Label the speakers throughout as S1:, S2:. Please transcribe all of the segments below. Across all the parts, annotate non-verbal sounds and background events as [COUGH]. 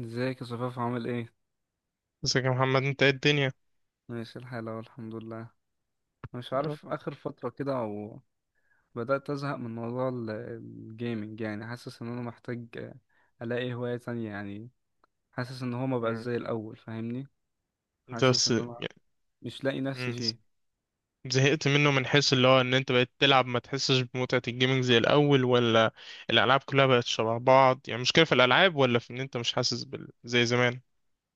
S1: ازيك يا صفاف، عامل ايه؟
S2: ازيك يا محمد؟ انت ايه الدنيا؟
S1: ماشي الحال اهو، الحمد لله. مش
S2: يا رب.
S1: عارف، اخر فتره كده او بدات ازهق من موضوع الجيمنج. يعني حاسس ان انا محتاج، الاقي هوايه تانية يعني. حاسس ان هو ما بقى
S2: مم.
S1: زي الاول، فاهمني؟
S2: انت
S1: حاسس
S2: بس
S1: ان انا
S2: يعني-
S1: مش لاقي نفسي
S2: مم.
S1: فيه.
S2: زهقت منه من حيث اللي هو ان انت بقيت تلعب ما تحسش بمتعة الجيمنج زي الاول، ولا الالعاب كلها بقت شبه بعض؟ يعني مشكلة في الالعاب، ولا في ان انت مش حاسس زي زمان؟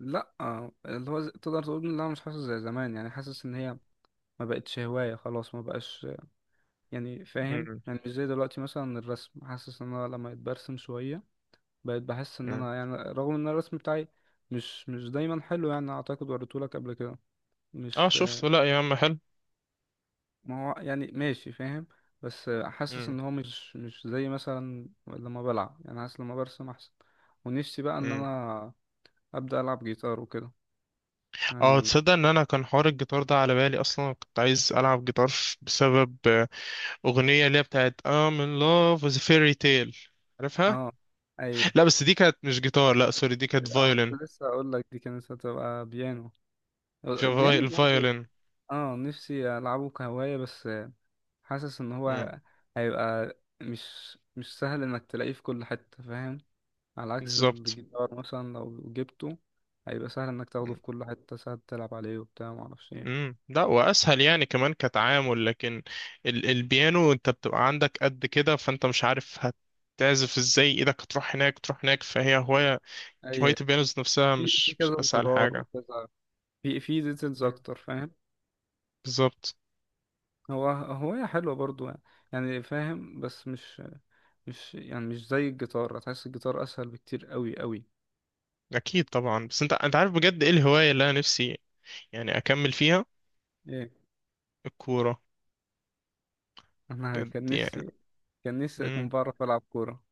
S1: لا، اللي هو تقدر تقول ان انا مش حاسس زي زمان، يعني حاسس ان هي ما بقتش هوايه خلاص، ما بقاش يعني فاهم.
S2: مم.
S1: يعني مش زي دلوقتي مثلا الرسم، حاسس ان انا لما اتبرسم شويه بقيت بحس ان
S2: مم.
S1: انا، يعني رغم ان الرسم بتاعي مش دايما حلو يعني، اعتقد وريتهولك قبل كده.
S2: اه،
S1: مش
S2: شفت. لا يا عم، حلو.
S1: ما هو يعني ماشي فاهم. بس حاسس
S2: مم.
S1: ان هو مش زي مثلا لما بلعب، يعني حاسس لما برسم احسن. ونفسي بقى ان
S2: مم.
S1: انا ابدا العب جيتار وكده
S2: اه،
S1: يعني.
S2: تصدق ان انا كان حوار الجيتار ده على بالي اصلا. كنت عايز العب جيتار بسبب اغنية اللي هي بتاعت I'm in love with a fairy tale. عارفها؟
S1: اه. اي.
S2: لا، بس دي كانت مش جيتار. لا سوري،
S1: بس
S2: دي كانت
S1: اه،
S2: violin.
S1: كنت لسه اقول لك دي كانت هتبقى بيانو.
S2: في
S1: البيانو برضه.
S2: الفايولين.
S1: اه، نفسي العبه كهواية بس. حاسس ان
S2: مم.
S1: هو هيبقى مش سهل انك تلاقيه في كل حتة فاهم. على عكس
S2: بالظبط.
S1: الجيتار مثلا، لو جبته هيبقى سهل انك تاخده
S2: مم.
S1: في كل حتة، سهل تلعب عليه وبتاع معرفش ايه.
S2: مم. لا، واسهل يعني كمان كتعامل، لكن البيانو انت بتبقى عندك قد كده، فانت مش عارف هتعزف ازاي، ايدك هتروح هناك تروح هناك، فهي هواية. هواية
S1: اي،
S2: البيانو ذات نفسها
S1: في
S2: مش
S1: كذا
S2: اسهل
S1: زرار
S2: حاجة.
S1: وكذا، في ديتيلز
S2: مم.
S1: اكتر فاهم.
S2: بالظبط.
S1: هو هواية حلوة برضو يعني، يعني فاهم. بس مش يعني مش زي الجيتار، هتحس الجيتار اسهل بكتير قوي قوي.
S2: اكيد طبعا، بس انت عارف بجد ايه الهواية اللي انا نفسي يعني اكمل فيها؟
S1: ايه.
S2: الكورة.
S1: انا
S2: بجد
S1: كان
S2: يعني.
S1: نفسي، اكون
S2: مم.
S1: بعرف العب كورة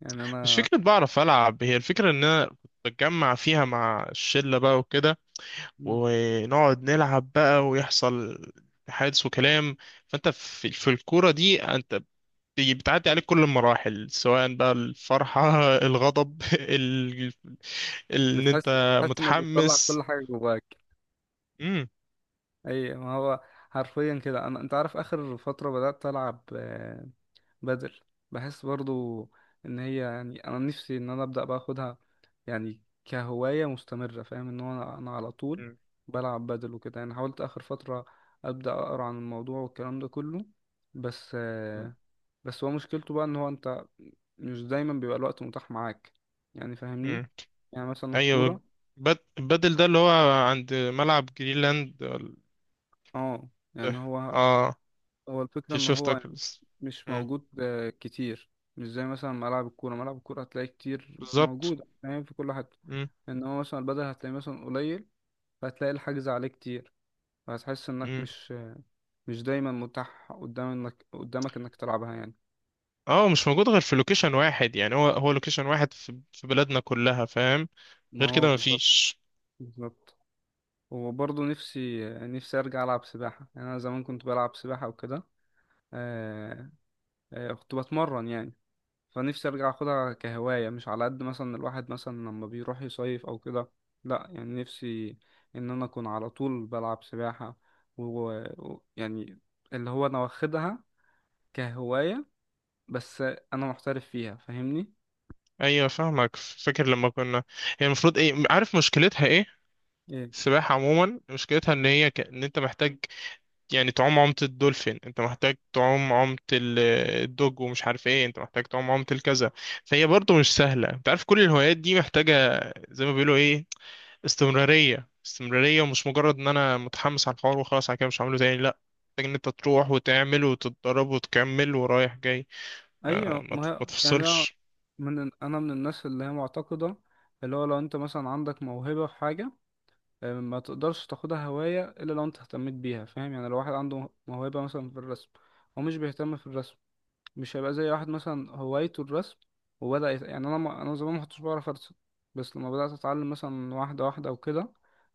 S1: يعني
S2: مش
S1: انا.
S2: فكرة بعرف العب، هي الفكرة ان انا كنت بتجمع فيها مع الشلة بقى وكده، ونقعد نلعب بقى، ويحصل حادث وكلام. فانت في الكورة دي انت بتعدي عليك كل المراحل، سواء بقى الفرحة [LAUGHS] الغضب [LAUGHS] ان
S1: بتحس
S2: انت
S1: بتحس انك بتطلع
S2: متحمس.
S1: كل حاجة جواك.
S2: امم.
S1: اي ما هو، حرفيا كده انا، انت عارف اخر فترة بدأت العب بدل. بحس برضو ان هي، يعني انا نفسي ان انا ابدأ باخدها يعني كهواية مستمرة فاهم. ان هو انا على طول بلعب بدل وكده. يعني حاولت اخر فترة ابدأ اقرا عن الموضوع والكلام ده كله، بس بس هو مشكلته بقى ان هو انت مش دايما بيبقى الوقت متاح معاك يعني، فاهمني؟
S2: امم.
S1: يعني مثلا
S2: ايوه،
S1: الكورة.
S2: بدل ده اللي هو عند ملعب جرينلاند، ولا-
S1: اه، يعني
S2: إيه؟
S1: هو
S2: اه،
S1: هو الفكرة
S2: في
S1: إن هو
S2: شفتك.
S1: يعني مش
S2: امم.
S1: موجود كتير. مش زي مثلا ملعب الكورة، ملعب الكورة هتلاقي كتير
S2: بالظبط.
S1: موجود فاهم في كل حتة. إن هو مثلا البدل هتلاقي مثلا قليل، فهتلاقي الحجز عليه كتير، فهتحس إنك
S2: امم.
S1: مش دايما متاح قدام، إنك قدامك إنك تلعبها يعني.
S2: اه، مش موجود غير في لوكيشن واحد. يعني هو لوكيشن واحد في بلادنا كلها، فاهم؟
S1: ما
S2: غير
S1: هو
S2: كده
S1: بالظبط.
S2: مفيش.
S1: بالظبط. وبرضه نفسي أرجع ألعب سباحة. يعني أنا زمان كنت بلعب سباحة وكده، آه، كنت بتمرن يعني. فنفسي ارجع اخدها كهواية، مش على قد مثلا الواحد مثلا لما بيروح يصيف او كده، لا يعني نفسي ان انا اكون على طول بلعب سباحة، ويعني اللي هو انا واخدها كهواية، بس انا محترف فيها فاهمني.
S2: ايوه، فاهمك. فاكر لما كنا، هي المفروض ايه؟ عارف مشكلتها ايه؟
S1: ايه.
S2: السباحة عموما مشكلتها ان
S1: مم.
S2: هي ان انت محتاج يعني تعوم عومة الدولفين، انت محتاج تعوم عومة الدوج ومش عارف ايه، انت محتاج تعوم عومة الكذا. فهي برضو مش سهلة. انت عارف كل الهوايات دي محتاجة زي ما بيقولوا ايه، استمرارية استمرارية، ومش مجرد ان انا متحمس على الحوار وخلاص، على كده مش هعمله تاني. لا، محتاج ان انت تروح وتعمل وتتدرب وتكمل ورايح جاي.
S1: ايوه ما هي
S2: ما
S1: يعني انا،
S2: تفصلش.
S1: انا من الناس اللي هي معتقدة، اللي هو لو انت مثلا عندك موهبة في حاجة، ما تقدرش تاخدها هواية الا لو انت اهتميت بيها فاهم. يعني لو واحد عنده موهبة مثلا في الرسم، هو مش بيهتم في الرسم، مش هيبقى زي واحد مثلا هوايته الرسم وبدأ يعني انا، ما... انا زمان ما كنتش بعرف ارسم. بس لما بدأت اتعلم مثلا واحدة واحدة وكده،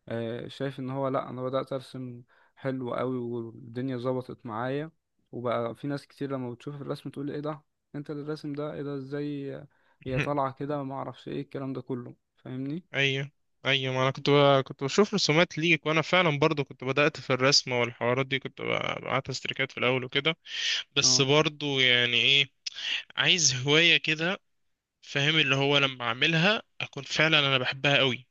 S1: شايف ان هو، لا، انا بدأت ارسم حلو قوي والدنيا ظبطت معايا. وبقى في ناس كتير لما بتشوف الرسم تقول لي: ايه ده؟ انت اللي الرسم ده، ايه ده؟ ازاي هي
S2: [LAUGHS]
S1: طالعة كده؟ ما اعرفش ايه الكلام ده كله، فاهمني؟
S2: ايوه، ايوه. ما انا كنت كنت بشوف رسومات ليك، وانا فعلا برضو كنت بدأت في الرسم، والحوارات دي كنت بعت استريكات في الاول وكده. بس
S1: اه،
S2: برضو يعني ايه، عايز هواية كده، فاهم؟ اللي هو لما اعملها اكون فعلا انا بحبها قوي.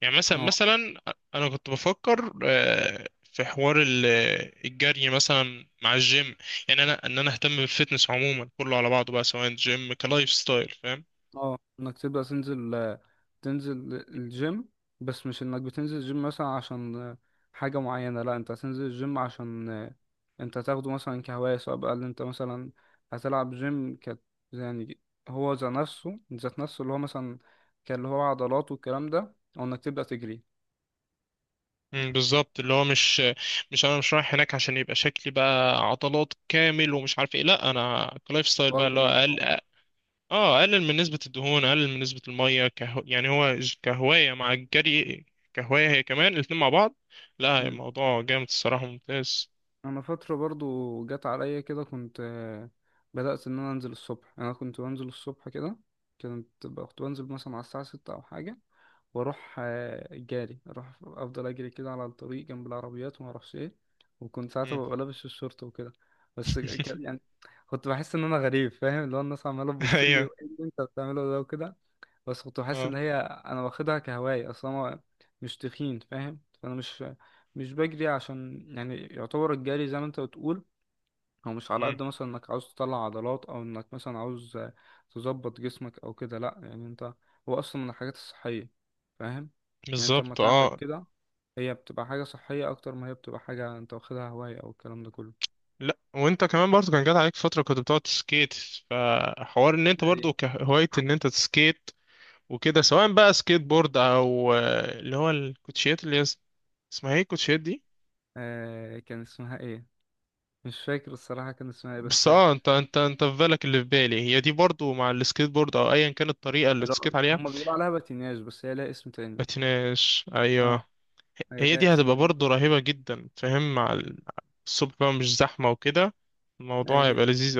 S2: يعني مثلا
S1: اه،
S2: مثلا انا كنت بفكر في حوار الجري مثلا مع الجيم. يعني انا ان انا اهتم بالفتنس عموما كله على بعضه بقى، سواء جيم كلايف ستايل، فاهم؟
S1: اه، انك تبدأ تنزل الجيم. بس مش انك بتنزل الجيم مثلا عشان حاجة معينة، لا، انت هتنزل الجيم عشان انت تاخده مثلا كهواية، سواء بقى اللي انت مثلا هتلعب جيم كت يعني، هو ذات نفسه اللي هو مثلا كان اللي هو عضلات والكلام ده، او انك تبدأ تجري.
S2: مم، بالظبط. اللي هو مش انا مش رايح هناك عشان يبقى شكلي بقى عضلات كامل ومش عارف ايه، لا انا كلايف ستايل بقى،
S1: واخد
S2: اللي هو
S1: الموضوع.
S2: اقل. اه، اقلل من نسبة الدهون، اقلل من نسبة المية كهو. يعني هو كهواية مع الجري، كهواية، هي كمان الاتنين مع بعض. لا
S1: مم.
S2: الموضوع جامد الصراحة، ممتاز.
S1: انا فترة برضو جت عليا كده كنت بدأت ان انا انزل الصبح. انا كنت بنزل الصبح كده، كنت بنزل مثلا على الساعة 6 او حاجة، واروح جاري، اروح افضل اجري كده على الطريق جنب العربيات وما اعرفش ايه. وكنت ساعتها
S2: مم.
S1: ببقى لابس الشورت وكده. بس
S2: [LAUGHS]
S1: يعني كنت بحس ان انا غريب فاهم، اللي هو الناس عماله
S2: [LAUGHS]
S1: تبص لي،
S2: ايوه.
S1: وايه اللي انت بتعمله ده وكده. بس كنت بحس
S2: اه.
S1: ان هي، انا واخدها كهوايه اصلا، انا مش تخين فاهم، فانا مش بجري عشان يعني يعتبر الجري زي ما انت بتقول، هو مش على
S2: امم.
S1: قد مثلا انك عاوز تطلع عضلات او انك مثلا عاوز تظبط جسمك او كده. لا يعني انت، هو اصلا من الحاجات الصحية فاهم. يعني انت لما
S2: بالظبط.
S1: تعمل
S2: اه.
S1: كده هي بتبقى حاجة صحية اكتر ما هي بتبقى حاجة انت واخدها هواية او الكلام ده كله.
S2: لا وانت كمان برضو، كان جات عليك فترة كنت بتقعد تسكيت، فحوار ان انت
S1: ايوه.
S2: برضو كهواية ان انت تسكيت وكده، سواء بقى سكيت بورد او اللي هو الكوتشيات اللي هي اسمها ايه الكوتشيات دي؟
S1: كان اسمها ايه، مش فاكر الصراحة كان اسمها ايه بس،
S2: بس اه، انت في بالك اللي في بالي. هي دي برضو مع السكيت بورد او ايا كانت الطريقة اللي
S1: لا
S2: تسكيت عليها.
S1: هما بيقولوا عليها باتيناج بس هي لها اسم تاني.
S2: بتناش
S1: اه،
S2: ايوه.
S1: هي
S2: هي
S1: لها
S2: دي
S1: اسم
S2: هتبقى
S1: تاني.
S2: برضو رهيبة جدا، فاهم؟ مع الصبح بقى مش زحمة وكده، الموضوع هيبقى
S1: ايوه،
S2: لذيذ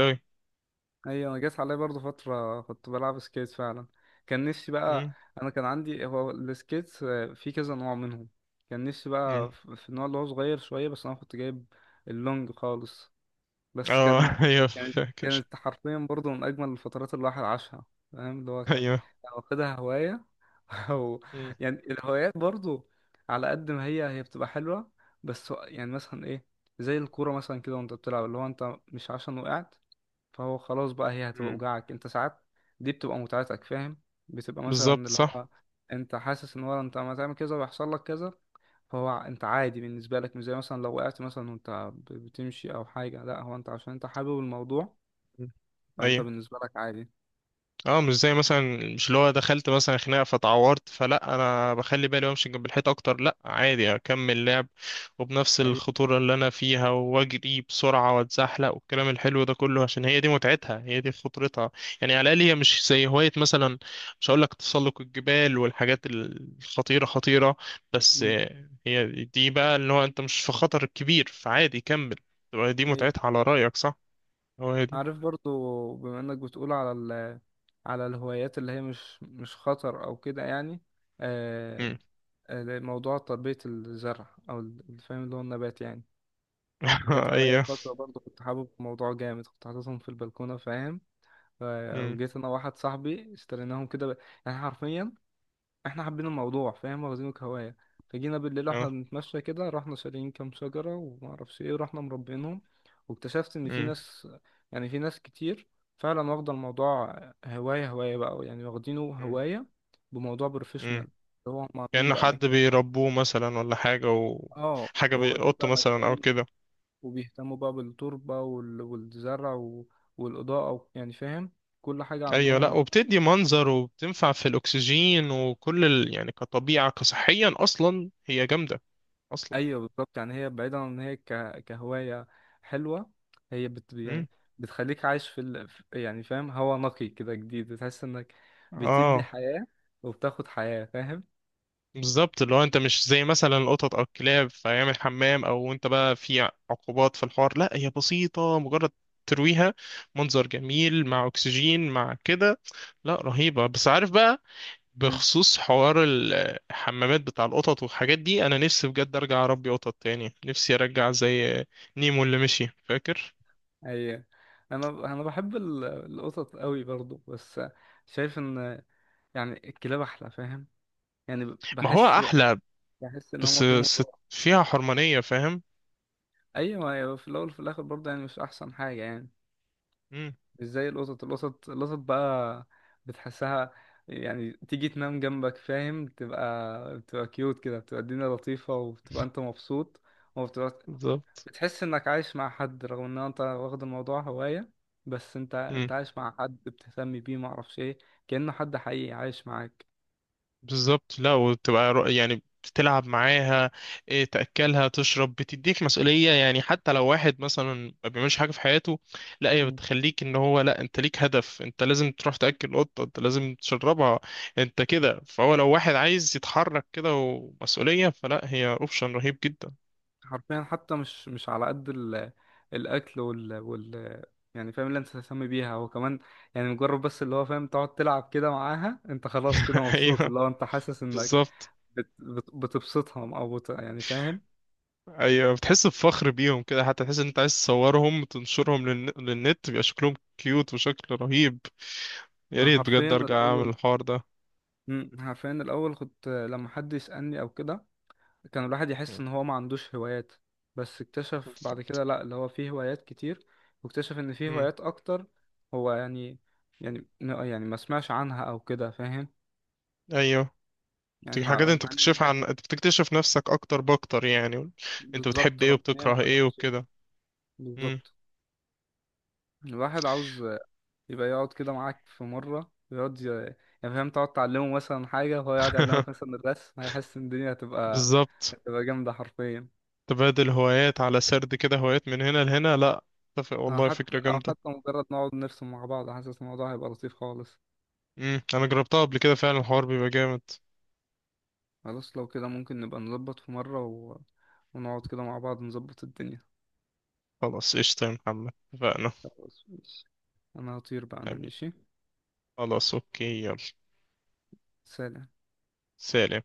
S1: ايوه، جت عليا برضو فتره كنت بلعب سكيت فعلا. كان نفسي بقى، انا كان عندي هو السكيت في كذا نوع منهم. كان نفسي
S2: قوي.
S1: بقى في النوع اللي هو صغير شويه، بس انا كنت جايب اللونج خالص. بس
S2: اه
S1: كان،
S2: [LAUGHS] ايوه
S1: كانت
S2: فاكر.
S1: كانت حرفيا برضو من اجمل الفترات اللي الواحد عاشها. فاهم، اللي هو كان،
S2: ايوه.
S1: واخدها هوايه [LAUGHS] او
S2: مم.
S1: يعني. الهوايات برضو، على قد ما هي بتبقى حلوه، بس يعني مثلا ايه، زي الكوره مثلا كده وانت بتلعب، اللي هو انت مش عشان وقعت فهو خلاص بقى هي هتبقى
S2: مم.
S1: وجعك انت ساعات، دي بتبقى متعتك فاهم. بتبقى مثلا
S2: بالظبط
S1: اللي
S2: صح.
S1: هو، انت حاسس ان هو انت ما تعمل كذا ويحصل لك كذا، فهو انت عادي بالنسبه لك، مش زي مثلا لو وقعت مثلا وانت بتمشي او حاجه، لا، هو انت عشان انت حابب الموضوع
S2: مم.
S1: فانت
S2: ايوه
S1: بالنسبه لك عادي.
S2: اه، مش زي مثلا، مش اللي هو دخلت مثلا خناقه فتعورت، فلا انا بخلي بالي وامشي جنب الحيط اكتر، لا عادي اكمل لعب. وبنفس
S1: اي،
S2: الخطوره اللي انا فيها، واجري بسرعه واتزحلق والكلام الحلو ده كله، عشان هي دي متعتها، هي دي خطرتها. يعني على الاقل هي مش زي هوايه مثلا، مش هقول لك تسلق الجبال والحاجات الخطيره خطيره. بس هي دي بقى اللي هو انت مش في خطر كبير فعادي كمل، تبقى دي
S1: اي.
S2: متعتها. على رايك صح؟ هو هي دي.
S1: عارف برضو بما انك بتقول على، على الهوايات اللي هي مش خطر او كده يعني، آه
S2: امم
S1: موضوع تربيه الزرع او فاهم اللي هو النبات يعني.
S2: [LAUGHS]
S1: جت عليا
S2: ايوه.
S1: فترة برضه كنت حابب الموضوع جامد، كنت حاططهم في البلكونة فاهم. ف-
S2: امم.
S1: وجيت أنا وواحد صاحبي اشتريناهم كده، يعني حرفيا احنا حابين الموضوع فاهم، واخدينه كهواية. فجينا بالليل واحنا بنتمشى كده، رحنا شاريين كام شجرة ومعرفش ايه، ورحنا مربينهم. واكتشفت إن في
S2: اه.
S1: ناس، يعني في ناس كتير فعلا واخدة الموضوع هواية، هواية بقى يعني، واخدينه
S2: مم.
S1: هواية بموضوع بروفيشنال،
S2: مم.
S1: اللي هو هم عاملين
S2: كأنه
S1: بقى
S2: حد
S1: مكان.
S2: بيربوه مثلا ولا حاجة،
S1: اه،
S2: وحاجة
S1: واخدين
S2: قطة
S1: بقى
S2: مثلا أو
S1: مكان،
S2: كده.
S1: وبيهتموا بقى بالتربة والزرع والإضاءة يعني فاهم كل حاجة
S2: أيوة، لأ
S1: عندهم.
S2: وبتدي منظر وبتنفع في الأكسجين وكل يعني كطبيعة كصحيا أصلا هي جامدة أصلا.
S1: أيوة بالظبط، يعني هي بعيدا عن إن هي كهواية حلوة. هي
S2: مم.
S1: يعني بتخليك عايش في يعني فاهم، هوا نقي كده جديد، بتحس إنك بتدي
S2: آه
S1: حياة وبتاخد حياة فاهم.
S2: بالظبط. اللي هو أنت مش زي مثلا القطط أو الكلاب فيعمل حمام، أو أنت بقى في عقوبات في الحوار. لأ هي بسيطة، مجرد ترويها، منظر جميل مع أكسجين مع كده. لأ رهيبة. بس عارف بقى،
S1: مم.
S2: بخصوص حوار الحمامات بتاع القطط والحاجات دي، انا نفسي بجد ارجع اربي قطط تاني، نفسي ارجع زي نيمو اللي مشي فاكر.
S1: أيوة، أنا بحب القطط قوي برضو، بس شايف إن، يعني الكلاب أحلى فاهم. يعني
S2: ما هو
S1: بحس
S2: احلى،
S1: بحس إن هما
S2: بس
S1: فيهم.
S2: ست فيها حرمانية، فاهم؟
S1: ايوه ما هي في الاول وفي الاخر برضه يعني مش احسن حاجه يعني،
S2: امم.
S1: مش زي القطط. القطط القطط بقى بتحسها، يعني تيجي تنام جنبك فاهم، تبقى بتبقى كيوت كده، بتبقى الدنيا لطيفه وبتبقى انت مبسوط وبتبقى،
S2: بالظبط.
S1: بتحس انك عايش مع حد رغم ان انت واخد الموضوع هوايه، بس انت عايش مع حد بتهتم بيه معرفش ايه، كأنه حد حقيقي عايش معاك.
S2: بالظبط. لا وتبقى يعني بتلعب معاها إيه، تأكلها تشرب، بتديك مسؤولية. يعني حتى لو واحد مثلا ما بيعملش حاجة في حياته، لا هي بتخليك ان هو لا انت ليك هدف، انت لازم تروح تأكل قطة، انت لازم تشربها انت كده. فهو لو واحد عايز يتحرك كده ومسؤولية، فلا هي اوبشن رهيب جدا.
S1: حرفيا، حتى مش على قد الاكل وال... وال يعني فاهم اللي انت تهتم بيها هو كمان. يعني مجرد بس، اللي هو فاهم تقعد تلعب كده معاها، انت خلاص كده
S2: [LAUGHS]
S1: مبسوط،
S2: ايوه.
S1: اللي هو انت حاسس انك
S2: بالظبط.
S1: بتبسطها او يعني فاهم.
S2: ايوه، بتحس بفخر بيهم كده، حتى تحس ان انت عايز تصورهم وتنشرهم للنت، بيبقى شكلهم كيوت وشكل رهيب. يا
S1: أنا
S2: ريت
S1: حرفيا
S2: بجد ارجع
S1: الاول،
S2: اعمل الحوار ده.
S1: مم، حرفيا الاول كنت لما حد يسألني او كده كان الواحد يحس ان هو ما عندوش هوايات، بس اكتشف بعد كده لا، اللي هو فيه هوايات كتير، واكتشف ان فيه
S2: مم.
S1: هوايات اكتر، هو يعني، ما سمعش عنها او كده فاهم.
S2: ايوه،
S1: يعني
S2: دي
S1: مع
S2: حاجات انت
S1: مع ان
S2: بتكشفها،
S1: هي،
S2: عن انت بتكتشف نفسك اكتر باكتر يعني، انت بتحب
S1: بالظبط،
S2: ايه
S1: رغم ان هي مع
S2: وبتكره
S1: حاجات
S2: ايه
S1: بسيطة.
S2: وكده. مم.
S1: بالظبط، الواحد عاوز يبقى يقعد كده معاك في مرة، يقعد يعني فاهم، تقعد تعلمه مثلا حاجة وهو يقعد يعلمك
S2: [LAUGHS]
S1: مثلا الرسم، هيحس ان الدنيا هتبقى،
S2: بالظبط.
S1: جامدة حرفيا.
S2: تبادل هوايات على سرد كده، هوايات من هنا لهنا، لا اتفق والله فكرة
S1: أو
S2: جامدة.
S1: حتى مجرد نقعد نرسم مع بعض، حاسس الموضوع هيبقى لطيف خالص.
S2: مم. انا جربتها قبل كده، فعلا الحوار بيبقى جامد.
S1: خلاص، لو كده ممكن نبقى نظبط في مرة و... ونقعد كده مع بعض نظبط الدنيا.
S2: خلاص قشطة يا محمد، اتفقنا.
S1: خلاص ماشي. أنا هطير بقى، أنا
S2: حبيبي،
S1: ماشي.
S2: خلاص اوكي، يلا.
S1: سلام.
S2: سلام.